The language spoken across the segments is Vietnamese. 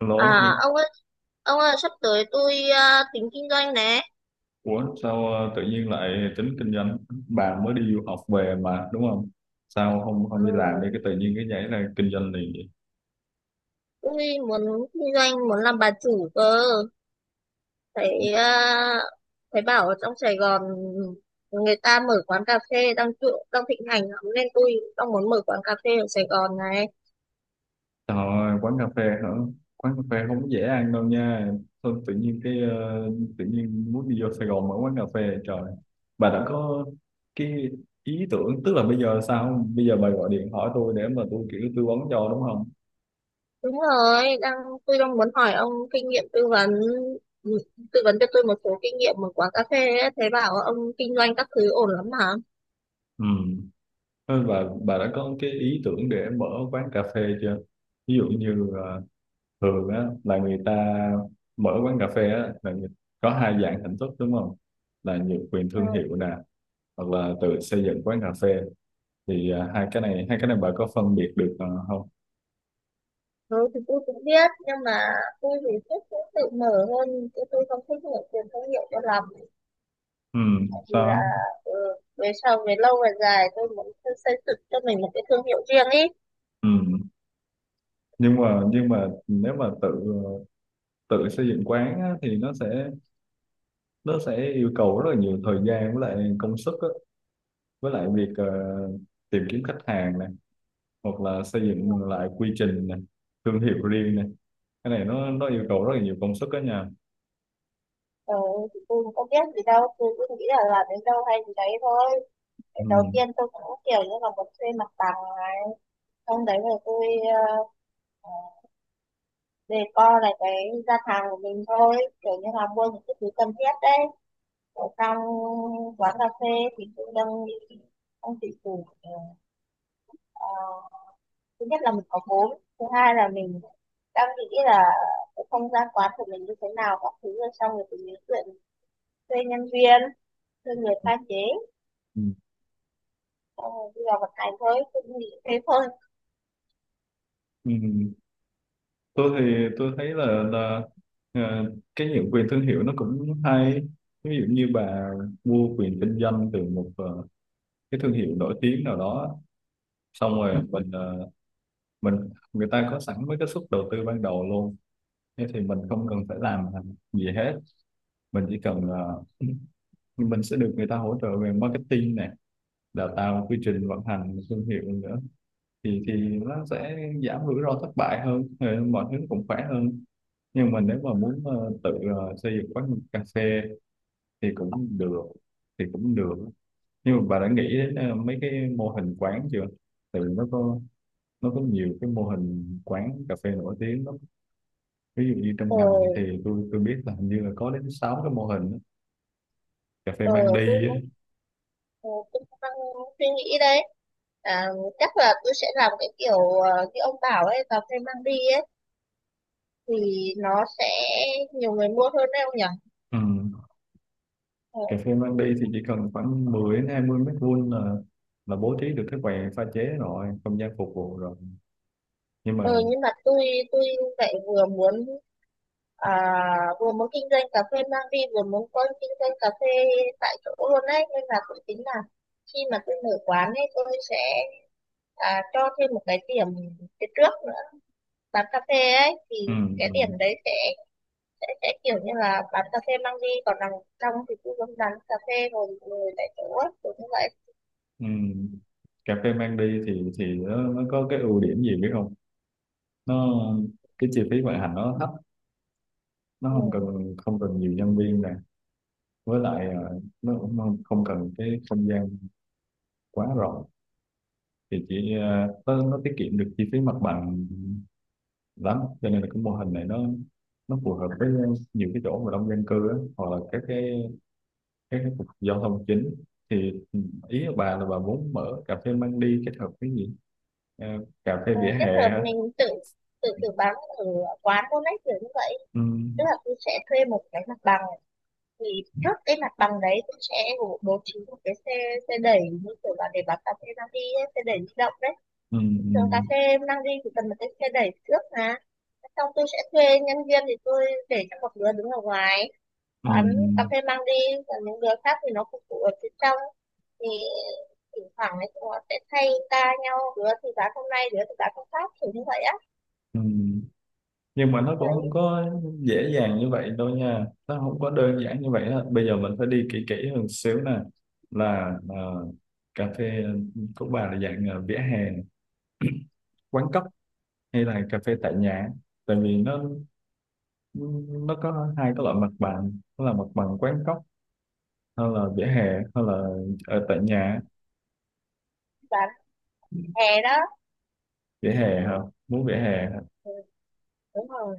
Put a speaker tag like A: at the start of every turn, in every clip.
A: Lố,
B: À ông ơi sắp tới tôi tính kinh doanh nè.
A: ủa sao, tự nhiên lại tính kinh doanh? Bà mới đi du học về mà đúng không? Sao không không đi làm đi, cái
B: Ừ,
A: tự nhiên cái nhảy ra kinh doanh liền vậy?
B: tôi muốn kinh doanh, muốn làm bà chủ cơ. Thấy à, Thấy bảo ở trong Sài Gòn người ta mở quán cà phê đang trụ, đang thịnh hành lắm nên tôi đang muốn mở quán cà phê ở Sài Gòn này.
A: Trời ơi, quán cà phê hả? Quán cà phê không có dễ ăn đâu nha. Thôi, tự nhiên muốn đi vô Sài Gòn mở quán cà phê, trời. Bà đã có cái ý tưởng, tức là bây giờ sao? Bây giờ bà gọi điện hỏi tôi để mà tôi kiểu tư vấn cho, đúng không?
B: Đúng rồi, tôi đang muốn hỏi ông kinh nghiệm tư vấn, ừ, tư vấn cho tôi một số kinh nghiệm mở quán cà phê ấy. Thấy bảo ông kinh doanh các thứ ổn lắm hả?
A: Ừ. Thôi, bà đã có cái ý tưởng để mở quán cà phê chưa? Ví dụ như thường á là người ta mở quán cà phê á, là có hai dạng hình thức đúng không, là nhượng quyền
B: Ừ.
A: thương hiệu nè, hoặc là tự xây dựng quán cà phê. Thì hai cái này, bà có phân biệt được không?
B: Ừ, thì tôi cũng biết nhưng mà tôi thì thích cũng tự mở hơn chứ tôi không thích mở tiền thương hiệu cho lắm,
A: Ừ.
B: tại vì là
A: Sao?
B: ừ, về sau về lâu về dài tôi muốn xây xây dựng cho mình một cái thương hiệu riêng ý.
A: Ừ. Nhưng mà nếu mà ờ, tự xây dựng quán á, thì nó sẽ, yêu cầu rất là nhiều thời gian với lại công sức á, với lại việc tìm kiếm khách hàng này, hoặc là xây
B: Ừ.
A: dựng lại quy trình này, thương hiệu riêng này. Cái này nó yêu cầu rất là nhiều công sức đó nha.
B: Ừ, thì tôi cũng không biết gì đâu, tôi cũng nghĩ là làm đến đâu hay gì đấy thôi.
A: Ừ.
B: Cái đầu tiên tôi cũng kiểu như là một thuê mặt bằng này, xong đấy rồi tôi uh, đề co lại cái gian hàng của mình thôi, kiểu như là mua những cái thứ cần thiết đấy ở trong quán cà phê. Thì tôi đang nghĩ ông chị chủ, ờ, thứ nhất là mình có vốn, thứ hai là mình đang nghĩ là cái không gian quán của mình như thế nào các thứ, rồi xong rồi thì mình chuyện thuê nhân viên, thuê người pha chế,
A: Ừ.
B: xong rồi đi vào vận hành thôi, tôi nghĩ thế thôi.
A: Ừ. Tôi thì tôi thấy là ờ, cái nhượng quyền thương hiệu nó cũng hay. Ví dụ như bà mua quyền kinh doanh từ một cái thương hiệu nổi tiếng nào đó, xong rồi mình ờ, mình người ta có sẵn mấy cái suất đầu tư ban đầu luôn, thế thì mình không cần phải làm gì hết. Mình chỉ cần ờ, Mình sẽ được người ta hỗ trợ về marketing này, đào tạo một quy trình vận hành một thương hiệu nữa, thì nó sẽ giảm rủi ro thất bại hơn, mọi thứ cũng khỏe hơn. Nhưng mà nếu mà muốn tự xây dựng quán cà phê thì cũng được, thì cũng được nhưng mà bà đã nghĩ đến mấy cái mô hình quán chưa? Tại vì nó có, nhiều cái mô hình quán cà phê nổi tiếng lắm. Ví dụ như trong ngành thì
B: Ờ.
A: tôi biết là hình như là có đến 6 cái mô hình á, cà phê
B: Ờ,
A: mang
B: tôi
A: đi á.
B: cũng ờ, tôi cũng đang suy nghĩ đấy. À, chắc là tôi sẽ làm cái kiểu như ông bảo ấy, cà phê mang đi ấy thì nó sẽ nhiều người mua hơn đấy ông nhỉ.
A: Ừ.
B: Ờ,
A: Cà phê mang đi thì chỉ cần khoảng 10 đến 20 mét vuông là bố trí được cái quầy pha chế, rồi không gian phục vụ rồi. Nhưng mà
B: Ừ, nhưng mà tôi lại vừa muốn, à, vừa muốn kinh doanh cà phê mang đi vừa muốn có kinh doanh cà phê tại chỗ luôn đấy, nên là tôi tính là khi mà tôi mở quán ấy tôi sẽ, cho thêm một cái điểm phía trước nữa bán cà phê ấy, thì
A: ừ, ừ,
B: cái điểm đấy sẽ, sẽ kiểu như là bán cà phê mang đi, còn đằng trong thì tôi vẫn bán cà phê rồi ngồi tại chỗ ấy, kiểu như vậy.
A: ừ. Cà phê mang đi thì nó, có cái ưu điểm gì biết không? Nó, cái chi phí vận hành nó thấp, nó
B: Ừ.
A: không cần nhiều nhân viên nè. Với lại nó cũng không không cần cái không gian quá rộng. Thì chỉ nó, tiết kiệm được chi phí mặt bằng lắm, cho nên là cái mô hình này nó phù hợp với nhiều cái chỗ mà đông dân cư á, hoặc là các cái cục giao thông chính. Thì ý của bà là bà muốn mở cà phê mang đi kết hợp với gì? Ờ, cà phê
B: Ừ,
A: vỉa hè
B: kết hợp
A: hả?
B: mình tự, tự bán ở quán luôn đấy kiểu như vậy.
A: Ừ,
B: Tức là tôi sẽ thuê một cái mặt bằng, thì trước cái mặt bằng đấy tôi sẽ bố bố trí một cái xe, xe đẩy như kiểu là để bán cà phê mang đi ấy, xe đẩy di động đấy.
A: ừ,
B: Thường cà phê mang đi thì cần một cái xe đẩy trước mà, xong tôi sẽ thuê nhân viên thì tôi để cho một đứa đứng ở ngoài
A: ừ,
B: bán cà phê mang đi, còn những đứa khác thì nó phục vụ ở phía trong. Thì thỉnh thoảng ấy chúng nó sẽ thay ca nhau, đứa thì bán hôm nay đứa thì bán hôm khác kiểu như vậy á.
A: ừ. Nhưng mà nó cũng không
B: Đấy,
A: có dễ dàng như vậy đâu nha, nó không có đơn giản như vậy đó. Bây giờ mình phải đi kỹ kỹ hơn xíu nè, là cà phê của bà là dạng vỉa hè, quán cóc, hay là cà phê tại nhà? Tại vì nó, có hai cái loại mặt bằng, đó là mặt bằng quán cóc hay là vỉa hè, hay là ở tại nhà.
B: bán hè đó.
A: Vỉa hè hả? Muốn vỉa hè hả?
B: Ừ, đúng rồi.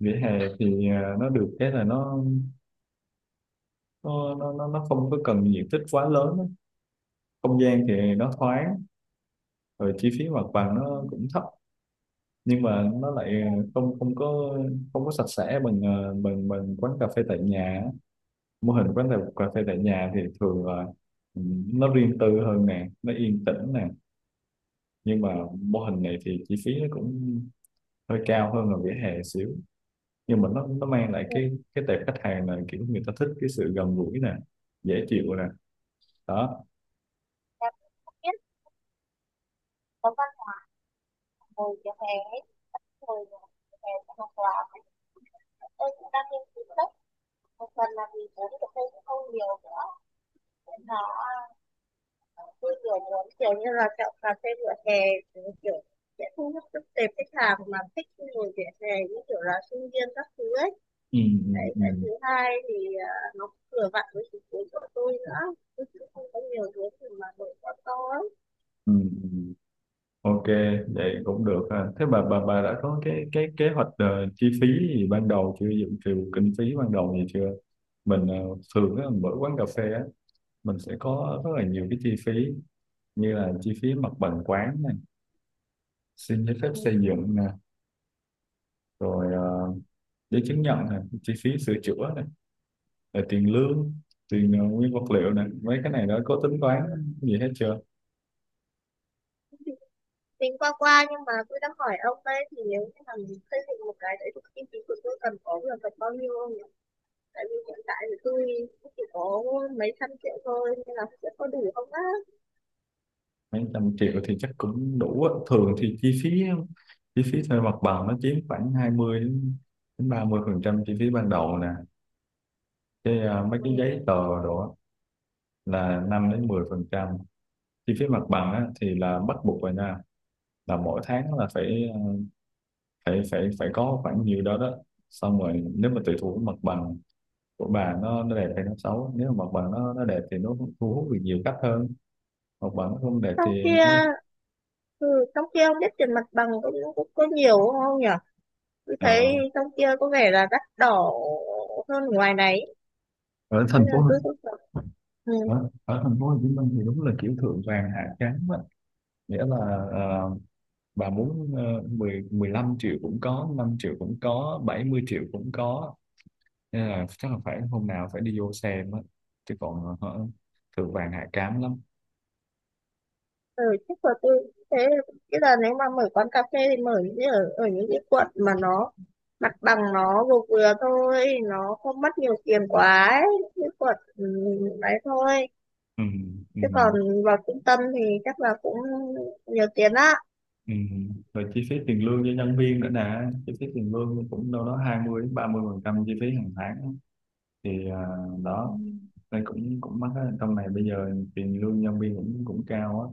A: Vỉa hè thì nó được cái là nó, không có cần diện tích quá lớn á. Không gian thì nó thoáng, rồi chi phí mặt bằng
B: Ừ.
A: nó cũng thấp. Nhưng mà nó lại
B: Ừ.
A: không, không có sạch sẽ bằng bằng, quán cà phê tại nhà á. Mô hình quán cà cà phê tại nhà thì thường là, ừ, nó riêng tư hơn nè, nó yên tĩnh nè. Nhưng mà mô hình này thì chi phí nó cũng hơi cao hơn là vỉa hè xíu. Nhưng mà nó mang lại cái, tệp khách hàng là kiểu người ta thích cái sự gần gũi nè, dễ chịu nè, đó.
B: Em không biết có văn ngồi vỉa hè ấy hồi mà em học làm. Tôi cũng đang nghiên cứu sách, một phần là vì vốn của tôi cũng không nhiều nữa. Nó, tôi kiểu muốn kiểu như là chọn cà phê vỉa hè, kiểu sẽ thu hút được tệp khách hàng mà thích ngồi vỉa hè như kiểu là sinh viên các thứ ấy.
A: Ừ, ừ,
B: Đấy cái
A: ừ,
B: thứ hai thì nó cũng vừa vặn với chính cuối của tôi nữa, tôi cũng không có nhiều thứ gì mà đổi quá to ấy.
A: ừ, ừ. Ok, vậy cũng được ha. Thế bà, đã có cái, kế hoạch chi phí gì ban đầu chưa, dự trù kinh phí ban đầu gì chưa? mình ờ, Thường á, mở quán cà phê á, mình sẽ có rất là nhiều cái chi phí, như là chi phí mặt bằng quán này, xin giấy phép
B: Ừ.
A: xây dựng nè, rồi giấy chứng nhận nè, chi phí sửa chữa nè, rồi tiền lương, tiền nguyên vật liệu này, mấy cái này đó có tính toán gì hết chưa?
B: Tính qua qua, nhưng mà tôi đang hỏi ông đấy, thì nếu như mà mình xây dựng một cái đấy thì kinh phí của tôi cần có được tầm bao nhiêu không nhỉ, tại vì hiện tại thì tôi cũng chỉ có mấy trăm triệu thôi nên là sẽ có đủ không á.
A: Mấy trăm triệu thì chắc cũng đủ á. Thường thì chi phí, thuê mặt bằng nó chiếm khoảng 20 đến đến 30 phần trăm chi phí ban đầu nè. Cái mấy cái
B: Ừ.
A: giấy tờ đồ á là 5% đến 10%. Chi phí mặt bằng á thì là bắt buộc rồi nha, là mỗi tháng là phải, phải có khoảng nhiêu đó đó. Xong rồi nếu mà tùy thuộc cái mặt bằng của bà, nó đẹp hay nó xấu. Nếu mà mặt bằng nó đẹp thì nó thu hút được nhiều khách hơn, học bổng không để
B: Trong
A: tiền đó.
B: kia, ừ, trong kia không biết tiền mặt bằng cũng cũng có nhiều không nhỉ, tôi
A: Ờ,
B: thấy trong kia có vẻ là đắt đỏ hơn ngoài này
A: ở thành
B: nên là
A: phố
B: tôi cũng sợ. Ừ.
A: ở, thành phố Hồ Chí Minh thì đúng là kiểu thượng vàng hạ cám á, nghĩa là ờ, bà muốn, 10 15 triệu cũng có, 5 triệu cũng có, 70 triệu cũng có, nên là chắc là phải hôm nào phải đi vô xem á. Chứ còn thượng vàng hạ cám lắm.
B: Ừ chắc là tôi thế, bây giờ nếu mà mở quán cà phê thì mở những cái ở ở những cái quận mà nó mặt bằng nó vừa vừa thôi, nó không mất nhiều tiền quá ấy. Những quận, ừ, đấy thôi,
A: Ừ, ừ,
B: chứ còn vào trung tâm thì chắc là cũng nhiều tiền á.
A: ừ. Rồi chi phí tiền lương cho nhân viên nữa nè, chi phí tiền lương cũng đâu đó 20% đến 30% chi phí hàng tháng. Thì
B: Ừ.
A: đó, đây cũng cũng mắc á, trong này bây giờ tiền lương nhân viên cũng cũng cao á.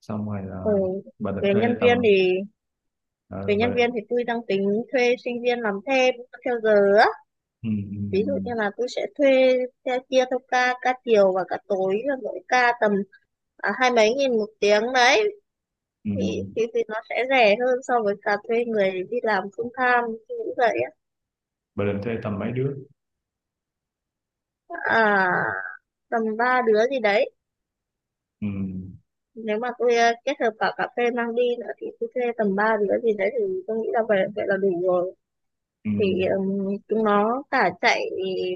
A: Xong rồi
B: Ừ.
A: là bà định
B: Về
A: thuê
B: nhân viên
A: tầm,
B: thì,
A: ờ,
B: về
A: bà
B: nhân viên
A: định,
B: thì tôi đang tính thuê sinh viên làm thêm theo giờ á.
A: ừ, ừ,
B: Ví dụ như là tôi sẽ thuê theo chia theo ca, ca chiều và ca tối là mỗi ca tầm hai mấy nghìn một tiếng đấy,
A: ừ,
B: thì,
A: ừ,
B: thì nó sẽ rẻ hơn so với cả thuê người đi làm full time như vậy á.
A: bà định thuê tầm mấy đứa?
B: À, tầm ba đứa gì đấy.
A: Ừ,
B: Nếu mà tôi kết hợp cả cà phê mang đi nữa thì tôi thuê tầm 3 đứa gì đấy thì tôi nghĩ là vậy vậy là đủ rồi.
A: ừ,
B: Thì ừm, chúng nó cả chạy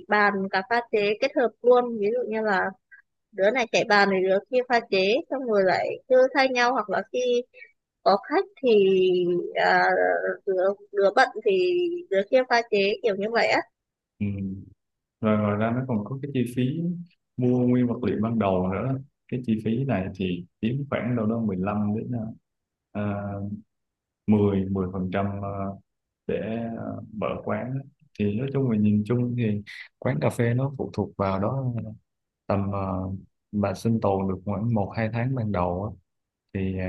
B: bàn cả pha chế kết hợp luôn, ví dụ như là đứa này chạy bàn thì đứa kia pha chế, xong rồi lại cứ thay nhau, hoặc là khi có khách thì, à, đứa đứa bận thì đứa kia pha chế, kiểu như vậy á.
A: ừ. Rồi ngoài ra nó còn có cái chi phí mua nguyên vật liệu ban đầu nữa, cái chi phí này thì chiếm khoảng đâu đó 15 đến uh, 10, phần trăm để mở quán á. Thì nói chung là, nhìn chung thì quán cà phê nó phụ thuộc vào đó. Tầm bà sinh tồn được khoảng 1 2 tháng ban đầu á, thì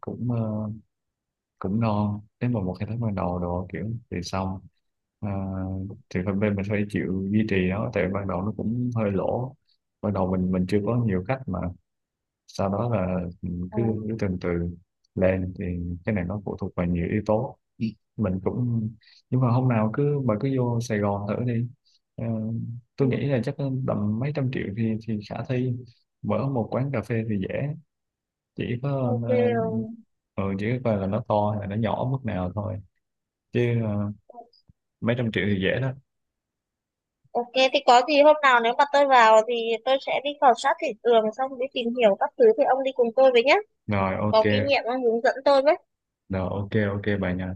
A: cũng cũng ngon. Nếu mà 1 2 tháng ban đầu đồ kiểu thì xong. Ờ, thì phần bên mình phải chịu duy trì nó, tại ban đầu nó cũng hơi lỗ, ban đầu mình chưa có nhiều khách mà. Sau đó là mình
B: Ờ,
A: cứ, từ từ lên. Thì cái này nó phụ thuộc vào nhiều yếu tố. Ừ. mình cũng Nhưng mà hôm nào cứ bà cứ vô Sài Gòn thử đi. Ờ, tôi
B: ừ,
A: nghĩ là chắc tầm mấy trăm triệu thì khả thi, mở một quán cà phê thì dễ, chỉ có
B: ok, ờ.
A: ờ, ừ, chỉ có coi là nó to hay là nó nhỏ mức nào thôi. Chứ mấy trăm triệu thì dễ đó.
B: Ok, thì có gì hôm nào nếu mà tôi vào thì tôi sẽ đi khảo sát thị trường xong đi tìm hiểu các thứ thì ông đi cùng tôi với nhé.
A: Rồi
B: Có kinh
A: ok,
B: nghiệm ông hướng dẫn tôi với.
A: rồi ok, ok bà nha.